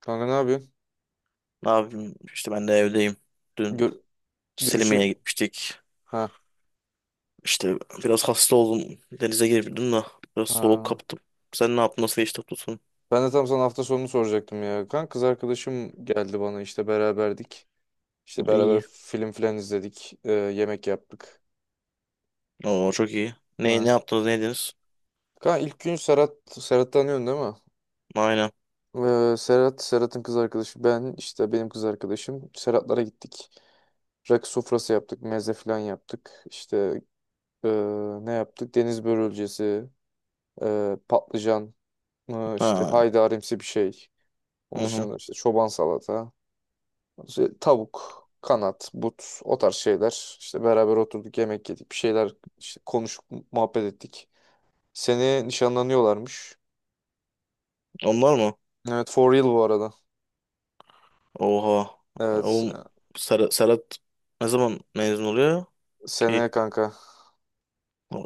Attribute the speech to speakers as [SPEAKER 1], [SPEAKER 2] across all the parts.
[SPEAKER 1] Kanka ne yapıyorsun?
[SPEAKER 2] Ne yapayım? İşte ben de evdeyim. Dün
[SPEAKER 1] Gör
[SPEAKER 2] Selimiye'ye
[SPEAKER 1] görüşü...
[SPEAKER 2] gitmiştik.
[SPEAKER 1] Ha,
[SPEAKER 2] İşte biraz hasta oldum. Denize girdim de biraz soğuk
[SPEAKER 1] ha.
[SPEAKER 2] kaptım. Sen ne yaptın? Nasıl geçti tutun?
[SPEAKER 1] Ben de tam sana hafta sonunu soracaktım ya. Kanka kız arkadaşım geldi bana işte beraberdik. İşte beraber
[SPEAKER 2] İyi.
[SPEAKER 1] film filan izledik. Yemek yaptık.
[SPEAKER 2] Oo çok iyi.
[SPEAKER 1] Ha,
[SPEAKER 2] Ne
[SPEAKER 1] işte.
[SPEAKER 2] yaptınız? Ne yediniz?
[SPEAKER 1] Kanka ilk gün Serhat tanıyorsun değil mi?
[SPEAKER 2] Aynen.
[SPEAKER 1] Serhat'ın kız arkadaşı. Ben işte benim kız arkadaşım. Serhat'lara gittik. Rakı sofrası yaptık. Meze filan yaptık. İşte ee, ne yaptık? Deniz börülcesi, patlıcan, işte
[SPEAKER 2] Ha.
[SPEAKER 1] haydarimsi bir şey.
[SPEAKER 2] Hı
[SPEAKER 1] Onun
[SPEAKER 2] hı.
[SPEAKER 1] dışında işte çoban salata, işte tavuk, kanat, but o tarz şeyler. İşte beraber oturduk yemek yedik bir şeyler işte konuşup muhabbet ettik. Seneye nişanlanıyorlarmış.
[SPEAKER 2] Onlar mı?
[SPEAKER 1] Evet, for real bu arada.
[SPEAKER 2] Oha.
[SPEAKER 1] Evet,
[SPEAKER 2] Oğlum Serhat ne zaman mezun oluyor
[SPEAKER 1] seneye
[SPEAKER 2] ki?
[SPEAKER 1] kanka.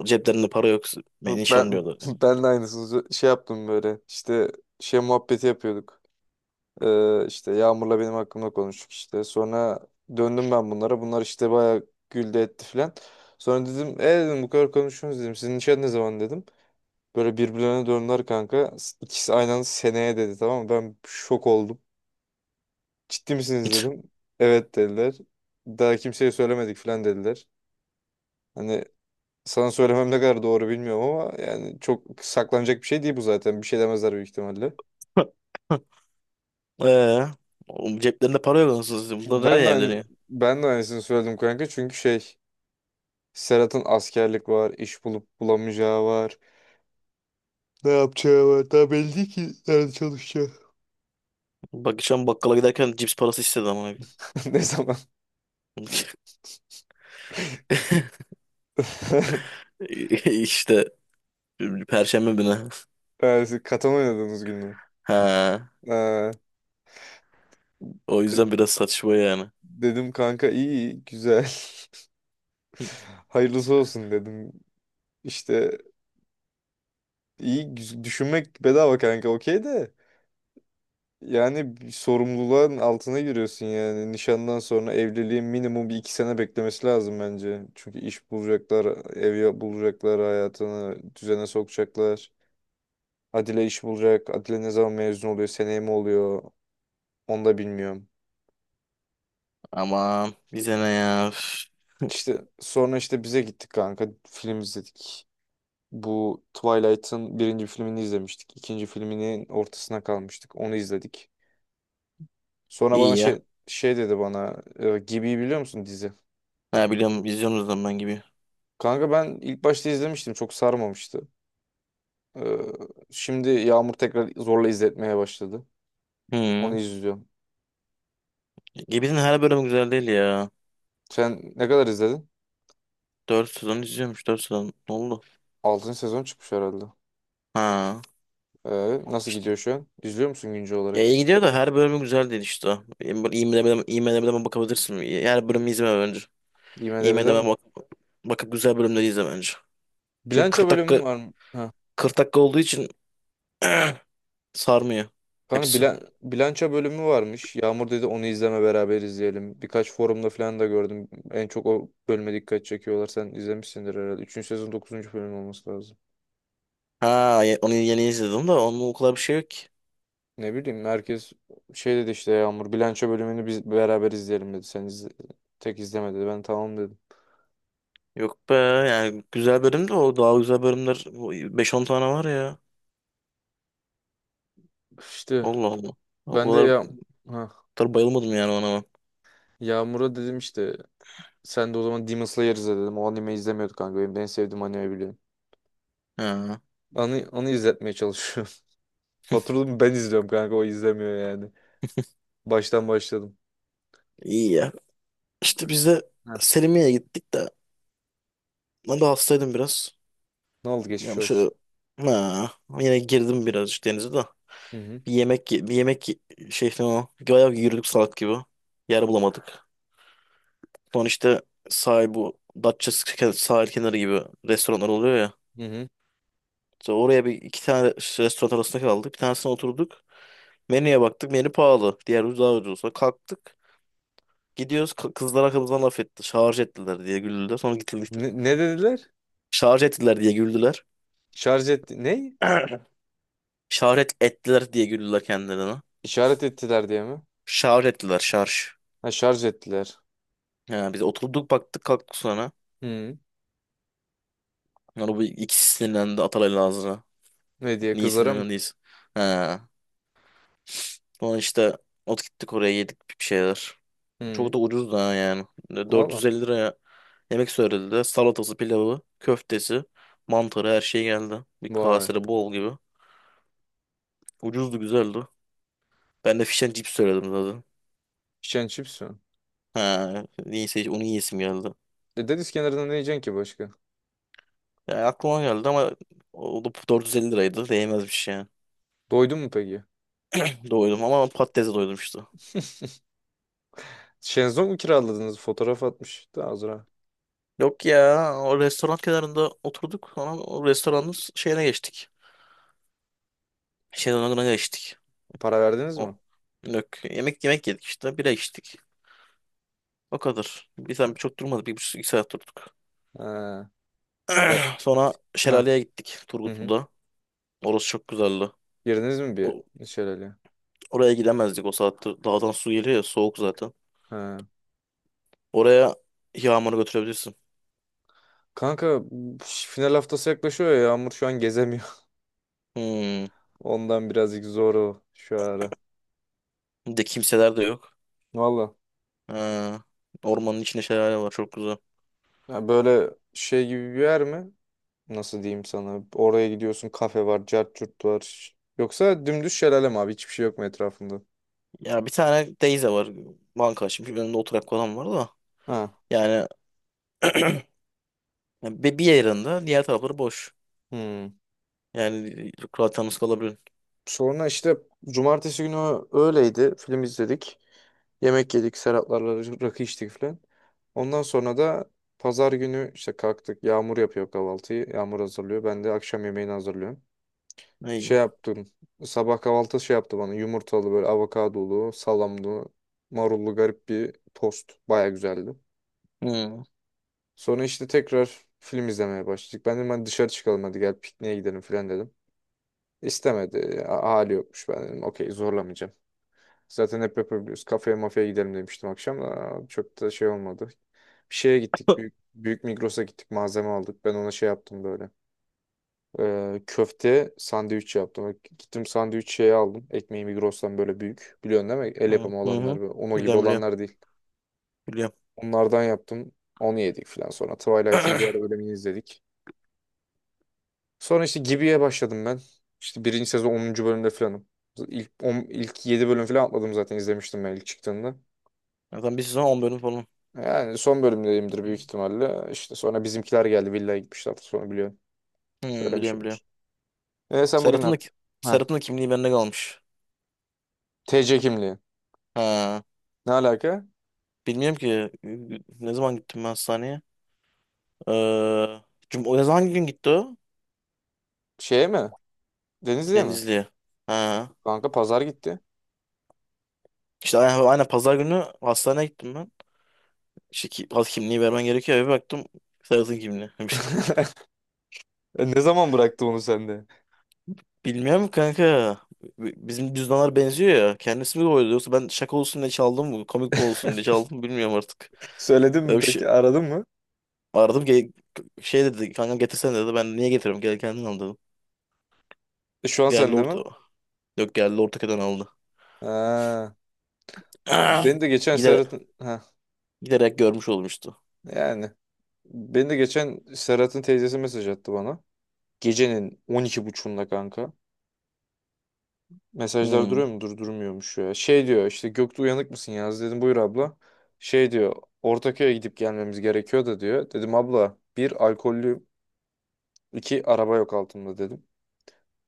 [SPEAKER 2] Ceplerinde para yok. Beni
[SPEAKER 1] Ben
[SPEAKER 2] nişanlıyorlar.
[SPEAKER 1] ben de aynısını şey yaptım böyle İşte şey muhabbeti yapıyorduk. İşte Yağmur'la benim hakkımda konuştuk işte. Sonra döndüm ben bunlara. Bunlar işte bayağı güldü etti filan. Sonra dedim dedim bu kadar konuşuyorsunuz dedim. Sizin nişan ne zaman dedim. Böyle birbirlerine döndüler kanka. İkisi aynı anda seneye dedi, tamam mı? Ben şok oldum. Ciddi misiniz dedim. Evet dediler. Daha kimseye söylemedik falan dediler. Hani sana söylemem ne kadar doğru bilmiyorum ama yani çok saklanacak bir şey değil bu zaten. Bir şey demezler büyük ihtimalle.
[SPEAKER 2] Eee? Oğlum ceplerinde para yok. Nasıl? Bunlar
[SPEAKER 1] Ben de
[SPEAKER 2] nereye
[SPEAKER 1] aynı,
[SPEAKER 2] evleniyor?
[SPEAKER 1] ben de aynısını söyledim kanka çünkü şey Serhat'ın askerlik var, iş bulup bulamayacağı var. Ne yapacağı var. Daha belli değil ki nerede çalışacağı.
[SPEAKER 2] Bak geçen bakkala giderken cips parası istedi ama.
[SPEAKER 1] Ne zaman?
[SPEAKER 2] İşte Perşembe günü.
[SPEAKER 1] Yani siz katan oynadığınız gün mü?
[SPEAKER 2] Ha,
[SPEAKER 1] Ha.
[SPEAKER 2] o
[SPEAKER 1] De-
[SPEAKER 2] yüzden biraz saçma yani.
[SPEAKER 1] Dedim kanka iyi iyi, güzel. Hayırlısı olsun dedim. İşte düşünmek bedava kanka, okey de. Yani bir sorumluluğun altına giriyorsun yani. Nişandan sonra evliliğin minimum bir iki sene beklemesi lazım bence. Çünkü iş bulacaklar, bulacaklar, hayatını düzene sokacaklar. Adile iş bulacak. Adile ne zaman mezun oluyor, seneye mi oluyor onu da bilmiyorum.
[SPEAKER 2] Aman bize ne ya. Üf.
[SPEAKER 1] İşte sonra işte bize gittik kanka, film izledik. Bu Twilight'ın birinci filmini izlemiştik. İkinci filminin ortasına kalmıştık. Onu izledik. Sonra bana
[SPEAKER 2] İyi ya.
[SPEAKER 1] şey dedi bana, Gibi'yi biliyor musun, dizi?
[SPEAKER 2] Ha, biliyorum izliyorsunuz lan ben gibi.
[SPEAKER 1] Kanka ben ilk başta izlemiştim. Çok sarmamıştı. E, Şimdi Yağmur tekrar zorla izletmeye başladı. Onu
[SPEAKER 2] Hı.
[SPEAKER 1] izliyorum.
[SPEAKER 2] Gibi'nin her bölümü güzel değil ya.
[SPEAKER 1] Sen ne kadar izledin?
[SPEAKER 2] Dört sezon izliyormuş 4 sezon. Ne oldu?
[SPEAKER 1] Altıncı sezon çıkmış herhalde.
[SPEAKER 2] Ha.
[SPEAKER 1] E, Nasıl
[SPEAKER 2] işte.
[SPEAKER 1] gidiyor şu an? İzliyor musun güncel olarak?
[SPEAKER 2] Ya iyi gidiyor da her bölümü güzel değil işte. IMDb'den bakabilirsin. Her bölümü izleme bence.
[SPEAKER 1] IMDb'den
[SPEAKER 2] IMDb'den
[SPEAKER 1] mi?
[SPEAKER 2] bakıp güzel bölümleri izle bence. Çünkü
[SPEAKER 1] Bilanço
[SPEAKER 2] 40 dakika
[SPEAKER 1] bölümü var mı? Ha.
[SPEAKER 2] 40 dakika olduğu için sarmıyor
[SPEAKER 1] Kanka
[SPEAKER 2] hepsi.
[SPEAKER 1] bilanço bölümü varmış. Yağmur dedi onu izleme, beraber izleyelim. Birkaç forumda falan da gördüm. En çok o bölüme dikkat çekiyorlar. Sen izlemişsindir herhalde. Üçüncü sezon dokuzuncu bölüm olması lazım.
[SPEAKER 2] Ha onu yeni izledim de onun o kadar bir şey yok ki.
[SPEAKER 1] Ne bileyim, herkes şey dedi işte Yağmur bilanço bölümünü biz beraber izleyelim dedi. Tek izleme dedi. Ben tamam dedim.
[SPEAKER 2] Yok be yani güzel bölüm de o daha güzel bölümler o 5-10 tane var ya.
[SPEAKER 1] İşte
[SPEAKER 2] Allah Allah. O
[SPEAKER 1] ben de
[SPEAKER 2] kadar,
[SPEAKER 1] ya,
[SPEAKER 2] o
[SPEAKER 1] ha,
[SPEAKER 2] kadar bayılmadım yani ona. Ben.
[SPEAKER 1] Yağmur'a dedim işte sen de o zaman Demon Slayer izle dedim. O anime izlemiyorduk kanka. Benim en sevdiğim anime, biliyorum.
[SPEAKER 2] Ha,
[SPEAKER 1] Onu izletmeye çalışıyorum. Oturdum ben izliyorum kanka, o izlemiyor yani. Baştan başladım.
[SPEAKER 2] iyi ya. İşte biz
[SPEAKER 1] S-
[SPEAKER 2] de
[SPEAKER 1] Heh.
[SPEAKER 2] Selimiye'ye gittik de ben de hastaydım biraz.
[SPEAKER 1] Ne oldu,
[SPEAKER 2] Ya
[SPEAKER 1] geçmiş
[SPEAKER 2] bu
[SPEAKER 1] olsun.
[SPEAKER 2] şöyle ha, yine girdim birazcık denize de.
[SPEAKER 1] Hı hı.
[SPEAKER 2] Bir yemek ye- bir yemek ye- Şey o. Bayağı yürüdük salak gibi. Yer bulamadık. Sonra işte sahil bu Datça sahil kenarı gibi restoranlar oluyor ya.
[SPEAKER 1] Hı hı.
[SPEAKER 2] Sonra oraya bir iki tane restoran arasında kaldık. Bir tanesine oturduk. Menüye baktık. Menü pahalı. Diğer ucuz daha ucuz. Sonra kalktık. Gidiyoruz. Kızlar arkamızdan laf etti. Şarj ettiler diye güldüler. Sonra gittik.
[SPEAKER 1] Ne dediler?
[SPEAKER 2] Şarj ettiler diye güldüler.
[SPEAKER 1] Şarj etti. Ne?
[SPEAKER 2] Şarj ettiler diye güldüler kendilerine.
[SPEAKER 1] İşaret ettiler diye mi?
[SPEAKER 2] Şarj ettiler. Şarj.
[SPEAKER 1] Ha, şarj ettiler.
[SPEAKER 2] He, biz oturduk baktık kalktık sonra.
[SPEAKER 1] Hı.
[SPEAKER 2] Sonra bu ikisi sinirlendi Atalay'la ağzına.
[SPEAKER 1] Ne diye,
[SPEAKER 2] Niye
[SPEAKER 1] kızlara mı?
[SPEAKER 2] sinirlendiyiz? He. Sonra işte gittik oraya yedik bir şeyler.
[SPEAKER 1] Hı.
[SPEAKER 2] Çok da ucuz da ha yani.
[SPEAKER 1] Valla.
[SPEAKER 2] 450 liraya yemek söylediler. Salatası, pilavı, köftesi, mantarı her şey geldi. Bir
[SPEAKER 1] Vay.
[SPEAKER 2] kasede bol gibi. Ucuzdu güzeldi. Ben de fish and chips söyledim zaten.
[SPEAKER 1] İçen çips mi?
[SPEAKER 2] He. Neyse onu yiyesim geldi.
[SPEAKER 1] E, deniz kenarında ne yiyeceksin ki başka?
[SPEAKER 2] Yani aklıma geldi ama o da 450 liraydı. Değmezmiş yani.
[SPEAKER 1] Doydun mu peki?
[SPEAKER 2] Doydum ama patatese doydum işte.
[SPEAKER 1] Şenzong mu kiraladınız? Fotoğraf atmış. Daha az
[SPEAKER 2] Yok ya o restoran kenarında oturduk sonra o restoranın şeyine geçtik. Şezlong'una geçtik.
[SPEAKER 1] para verdiniz mi?
[SPEAKER 2] O. Yok. Yemek yedik işte bira içtik. O kadar. Bir
[SPEAKER 1] Ha.
[SPEAKER 2] saat çok durmadı. Bir buçuk iki saat durduk.
[SPEAKER 1] Ha. Ya-
[SPEAKER 2] Sonra
[SPEAKER 1] Ha.
[SPEAKER 2] şelaleye gittik
[SPEAKER 1] Hı hı.
[SPEAKER 2] Turgutlu'da. Orası çok güzeldi.
[SPEAKER 1] Girdiniz mi bir
[SPEAKER 2] O-
[SPEAKER 1] şelale?
[SPEAKER 2] oraya gidemezdik o saatte. Dağdan su geliyor ya soğuk zaten.
[SPEAKER 1] Ha.
[SPEAKER 2] Oraya yağmuru götürebilirsin.
[SPEAKER 1] Kanka final haftası yaklaşıyor ya, Yağmur şu an gezemiyor.
[SPEAKER 2] Hmm.
[SPEAKER 1] Ondan birazcık zor o şu ara.
[SPEAKER 2] Bir de kimseler de yok.
[SPEAKER 1] Valla.
[SPEAKER 2] Ha. Ormanın içinde şelale var çok güzel.
[SPEAKER 1] Ya böyle şey gibi bir yer mi? Nasıl diyeyim sana? Oraya gidiyorsun, kafe var, cart curt var. Yoksa dümdüz şelale mi abi? Hiçbir şey yok mu etrafında?
[SPEAKER 2] Ya bir tane teyze var. Banka açmış. Önünde oturak falan var da.
[SPEAKER 1] Ha.
[SPEAKER 2] Yani bir yerinde diğer tarafları boş.
[SPEAKER 1] Hmm.
[SPEAKER 2] Yani rahat yalnız kalabilir.
[SPEAKER 1] Sonra işte cumartesi günü öğleydi. Film izledik. Yemek yedik. Serhatlarla rakı içtik falan. Ondan sonra da pazar günü işte kalktık. Yağmur yapıyor kahvaltıyı. Yağmur hazırlıyor. Ben de akşam yemeğini hazırlıyorum. Şey
[SPEAKER 2] İyi.
[SPEAKER 1] yaptım. Sabah kahvaltı şey yaptı bana. Yumurtalı böyle avokadolu, salamlı, marullu garip bir tost. Baya güzeldi.
[SPEAKER 2] Hmm.
[SPEAKER 1] Sonra işte tekrar film izlemeye başladık. Ben dedim hadi dışarı çıkalım, hadi gel pikniğe gidelim falan dedim. İstemedi. Hali yokmuş. Ben dedim okey, zorlamayacağım. Zaten hep yapabiliyoruz. Kafeye mafeye gidelim demiştim akşam. Çok da şey olmadı. Bir şeye gittik.
[SPEAKER 2] Hı
[SPEAKER 1] Büyük, büyük Migros'a gittik. Malzeme aldık. Ben ona şey yaptım böyle. Köfte sandviç yaptım. Gittim sandviç şeyi aldım. Ekmeği Migros'tan böyle büyük. Biliyorsun değil mi? El
[SPEAKER 2] hı.
[SPEAKER 1] yapımı
[SPEAKER 2] Hı.
[SPEAKER 1] olanlar böyle. Ono gibi
[SPEAKER 2] Biliyorum biliyorum.
[SPEAKER 1] olanlar değil.
[SPEAKER 2] Biliyorum.
[SPEAKER 1] Onlardan yaptım. Onu yedik falan. Sonra Twilight'ın diğer bölümünü izledik. Sonra işte Gibi'ye başladım ben. İşte birinci sezon onuncu bölümde falanım. İlk 7 bölüm falan atladım, zaten izlemiştim ben ilk çıktığında.
[SPEAKER 2] Zaten bir sezon 10 bölüm falan.
[SPEAKER 1] Yani son bölümdeyimdir büyük ihtimalle. İşte sonra bizimkiler geldi. Villaya gitmişler. Sonra biliyorum.
[SPEAKER 2] Hmm, biliyorum biliyorum.
[SPEAKER 1] Söylemişimdir. E, sen bugün ne
[SPEAKER 2] Serhat'ın da,
[SPEAKER 1] yaptın? Ha.
[SPEAKER 2] Serhat'ın da kimliği bende kalmış.
[SPEAKER 1] TC kimliği.
[SPEAKER 2] Ha.
[SPEAKER 1] Ne alaka?
[SPEAKER 2] Bilmiyorum ki ne zaman gittim ben hastaneye. Ee, cum o ne zaman hangi gün gitti o?
[SPEAKER 1] Şeye mi? Denizli'ye mi?
[SPEAKER 2] Denizli'ye. Ha.
[SPEAKER 1] Kanka pazar gitti.
[SPEAKER 2] İşte aynen, aynen pazar günü hastaneye gittim. İşte ki, al, kimliği vermen gerekiyor. Bir baktım Serhat'ın kimliği.
[SPEAKER 1] E, ne zaman bıraktı onu sende?
[SPEAKER 2] Bilmiyorum kanka. Bizim cüzdanlar benziyor ya. Kendisi mi koydu yoksa ben şaka olsun diye çaldım mı? Komik mi olsun diye çaldım mı bilmiyorum artık.
[SPEAKER 1] Söyledin mi
[SPEAKER 2] Öyle bir şey
[SPEAKER 1] peki? Aradın mı?
[SPEAKER 2] aradım. Şey dedi kanka, getirsene dedi. Ben niye getiriyorum? Gel kendin al dedim.
[SPEAKER 1] E, şu an
[SPEAKER 2] Geldi
[SPEAKER 1] sende mi?
[SPEAKER 2] orta. Yok, geldi ortaka'dan aldı.
[SPEAKER 1] Ha.
[SPEAKER 2] Ah!
[SPEAKER 1] Beni de geçen
[SPEAKER 2] Gider,
[SPEAKER 1] Serhat'ın... Ha.
[SPEAKER 2] giderek görmüş olmuştu.
[SPEAKER 1] Yani. Beni de geçen Serhat'ın teyzesi mesaj attı bana. Gecenin 12.30'unda kanka. Mesajlar
[SPEAKER 2] Hmm.
[SPEAKER 1] duruyor mu? Durmuyormuş ya. Şey diyor işte, Göktuğ uyanık mısın yaz, dedim buyur abla. Şey diyor Ortaköy'e gidip gelmemiz gerekiyor da diyor. Dedim abla, bir alkollü iki araba yok altımda dedim.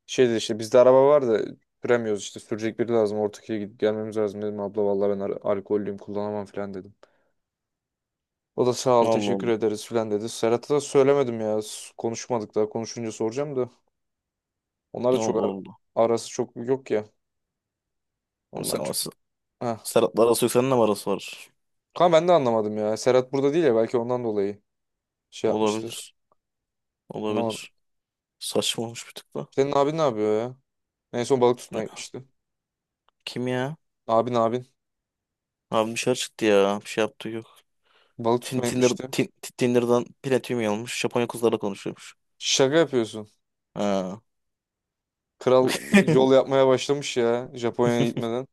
[SPEAKER 1] Şey dedi işte, bizde araba var da süremiyoruz, işte sürecek biri lazım, Ortaköy'e gidip gelmemiz lazım, dedim abla vallahi ben alkollüyüm kullanamam falan dedim. O da sağ ol,
[SPEAKER 2] Ne oldu
[SPEAKER 1] teşekkür
[SPEAKER 2] oldu.
[SPEAKER 1] ederiz falan dedi. Serhat'a da söylemedim ya, konuşmadık daha, konuşunca soracağım da onlar da
[SPEAKER 2] Ne oldu
[SPEAKER 1] çok
[SPEAKER 2] oldu.
[SPEAKER 1] arası çok yok ya,
[SPEAKER 2] Ama Sen,
[SPEAKER 1] ondan
[SPEAKER 2] ama
[SPEAKER 1] çok.
[SPEAKER 2] sen-
[SPEAKER 1] Heh.
[SPEAKER 2] Serhat'la arası yok. Seninle mi arası var?
[SPEAKER 1] Kanka ben de anlamadım ya, Serhat burada değil ya, belki ondan dolayı şey yapmıştır,
[SPEAKER 2] Olabilir.
[SPEAKER 1] anlamadım.
[SPEAKER 2] Olabilir. Saçma olmuş bir tık da.
[SPEAKER 1] Senin abin ne yapıyor ya? En son balık tutmaya gitmişti.
[SPEAKER 2] Kim ya?
[SPEAKER 1] Abin
[SPEAKER 2] Abi dışarı çıktı ya. Bir şey yaptığı yok.
[SPEAKER 1] balık
[SPEAKER 2] Tin-
[SPEAKER 1] tutmaya
[SPEAKER 2] Tinder,
[SPEAKER 1] gitmişti.
[SPEAKER 2] tin, Tinder'dan platinum almış. Japonya kızlarla konuşuyormuş.
[SPEAKER 1] Şaka yapıyorsun.
[SPEAKER 2] Ha.
[SPEAKER 1] Kral yol yapmaya başlamış ya Japonya'ya gitmeden.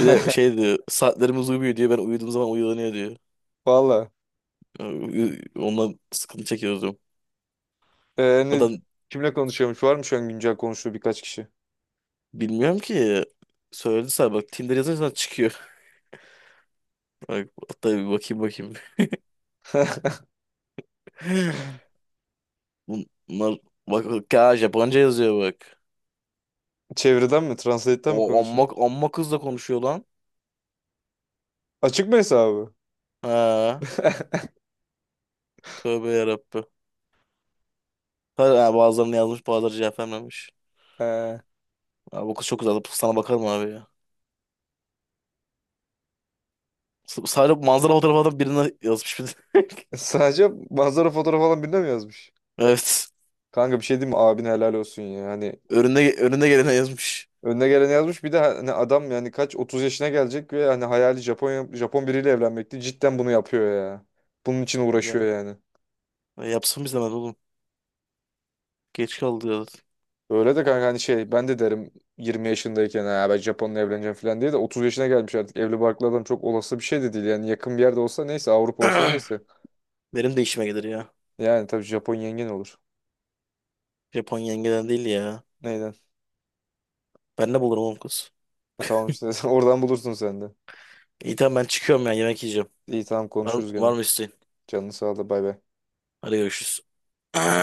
[SPEAKER 2] Bir de şey diyor. Saatlerimiz uyumuyor diyor. Ben uyuduğum zaman uyanıyor diyor.
[SPEAKER 1] Valla.
[SPEAKER 2] Ondan sıkıntı çekiyoruz diyorum.
[SPEAKER 1] Ee, ne,
[SPEAKER 2] Adam
[SPEAKER 1] kimle konuşuyormuş? Var mı şu an güncel konuştuğu birkaç kişi?
[SPEAKER 2] Bilmiyorum ki. Söyledi sana bak. Tinder yazınca çıkıyor. Bak, hatta bir bakayım. Bunlar bak, bak ya Japonca yazıyor bak.
[SPEAKER 1] Çevreden mi? Translate'den mi
[SPEAKER 2] O
[SPEAKER 1] konuşuyor?
[SPEAKER 2] amma kızla konuşuyor lan.
[SPEAKER 1] Açık mı hesabı?
[SPEAKER 2] Ha. Tövbe yarabbim. Ha, bazılarını yazmış bazıları cevap vermemiş.
[SPEAKER 1] Ee,
[SPEAKER 2] Abi bu kız çok güzel. Sana bakarım abi ya. Sadece manzara fotoğrafı da birine yazmış bir de.
[SPEAKER 1] sadece manzara fotoğrafı falan birine mi yazmış?
[SPEAKER 2] Evet.
[SPEAKER 1] Kanka bir şey diyeyim mi? Abine helal olsun ya. Hani
[SPEAKER 2] Önüne gelene yazmış.
[SPEAKER 1] önüne gelen yazmış. Bir de hani adam yani kaç 30 yaşına gelecek ve hani hayali Japon Japon biriyle evlenmekti. Cidden bunu yapıyor ya. Bunun için uğraşıyor
[SPEAKER 2] Ya.
[SPEAKER 1] yani.
[SPEAKER 2] Ya yapsın biz hemen oğlum. Geç kaldı
[SPEAKER 1] Öyle de kanka, hani şey ben de derim 20 yaşındayken ben Japon'la evleneceğim falan diye de 30 yaşına gelmiş artık. Evli barklı adam çok olası bir şey de değil. Yani yakın bir yerde olsa neyse, Avrupa olsa
[SPEAKER 2] ya.
[SPEAKER 1] neyse.
[SPEAKER 2] Benim de işime gelir ya.
[SPEAKER 1] Yani tabii, Japon yengen olur.
[SPEAKER 2] Japon yengeden değil ya.
[SPEAKER 1] Neyden?
[SPEAKER 2] Ben ne bulurum oğlum kız.
[SPEAKER 1] E, tamam işte oradan bulursun sen de.
[SPEAKER 2] İyi tamam ben çıkıyorum ya yemek yiyeceğim.
[SPEAKER 1] İyi tamam,
[SPEAKER 2] Var,
[SPEAKER 1] konuşuruz gene.
[SPEAKER 2] var mı isteğin?
[SPEAKER 1] Canını sağ ol da, bay bay.
[SPEAKER 2] Hadi görüşürüz.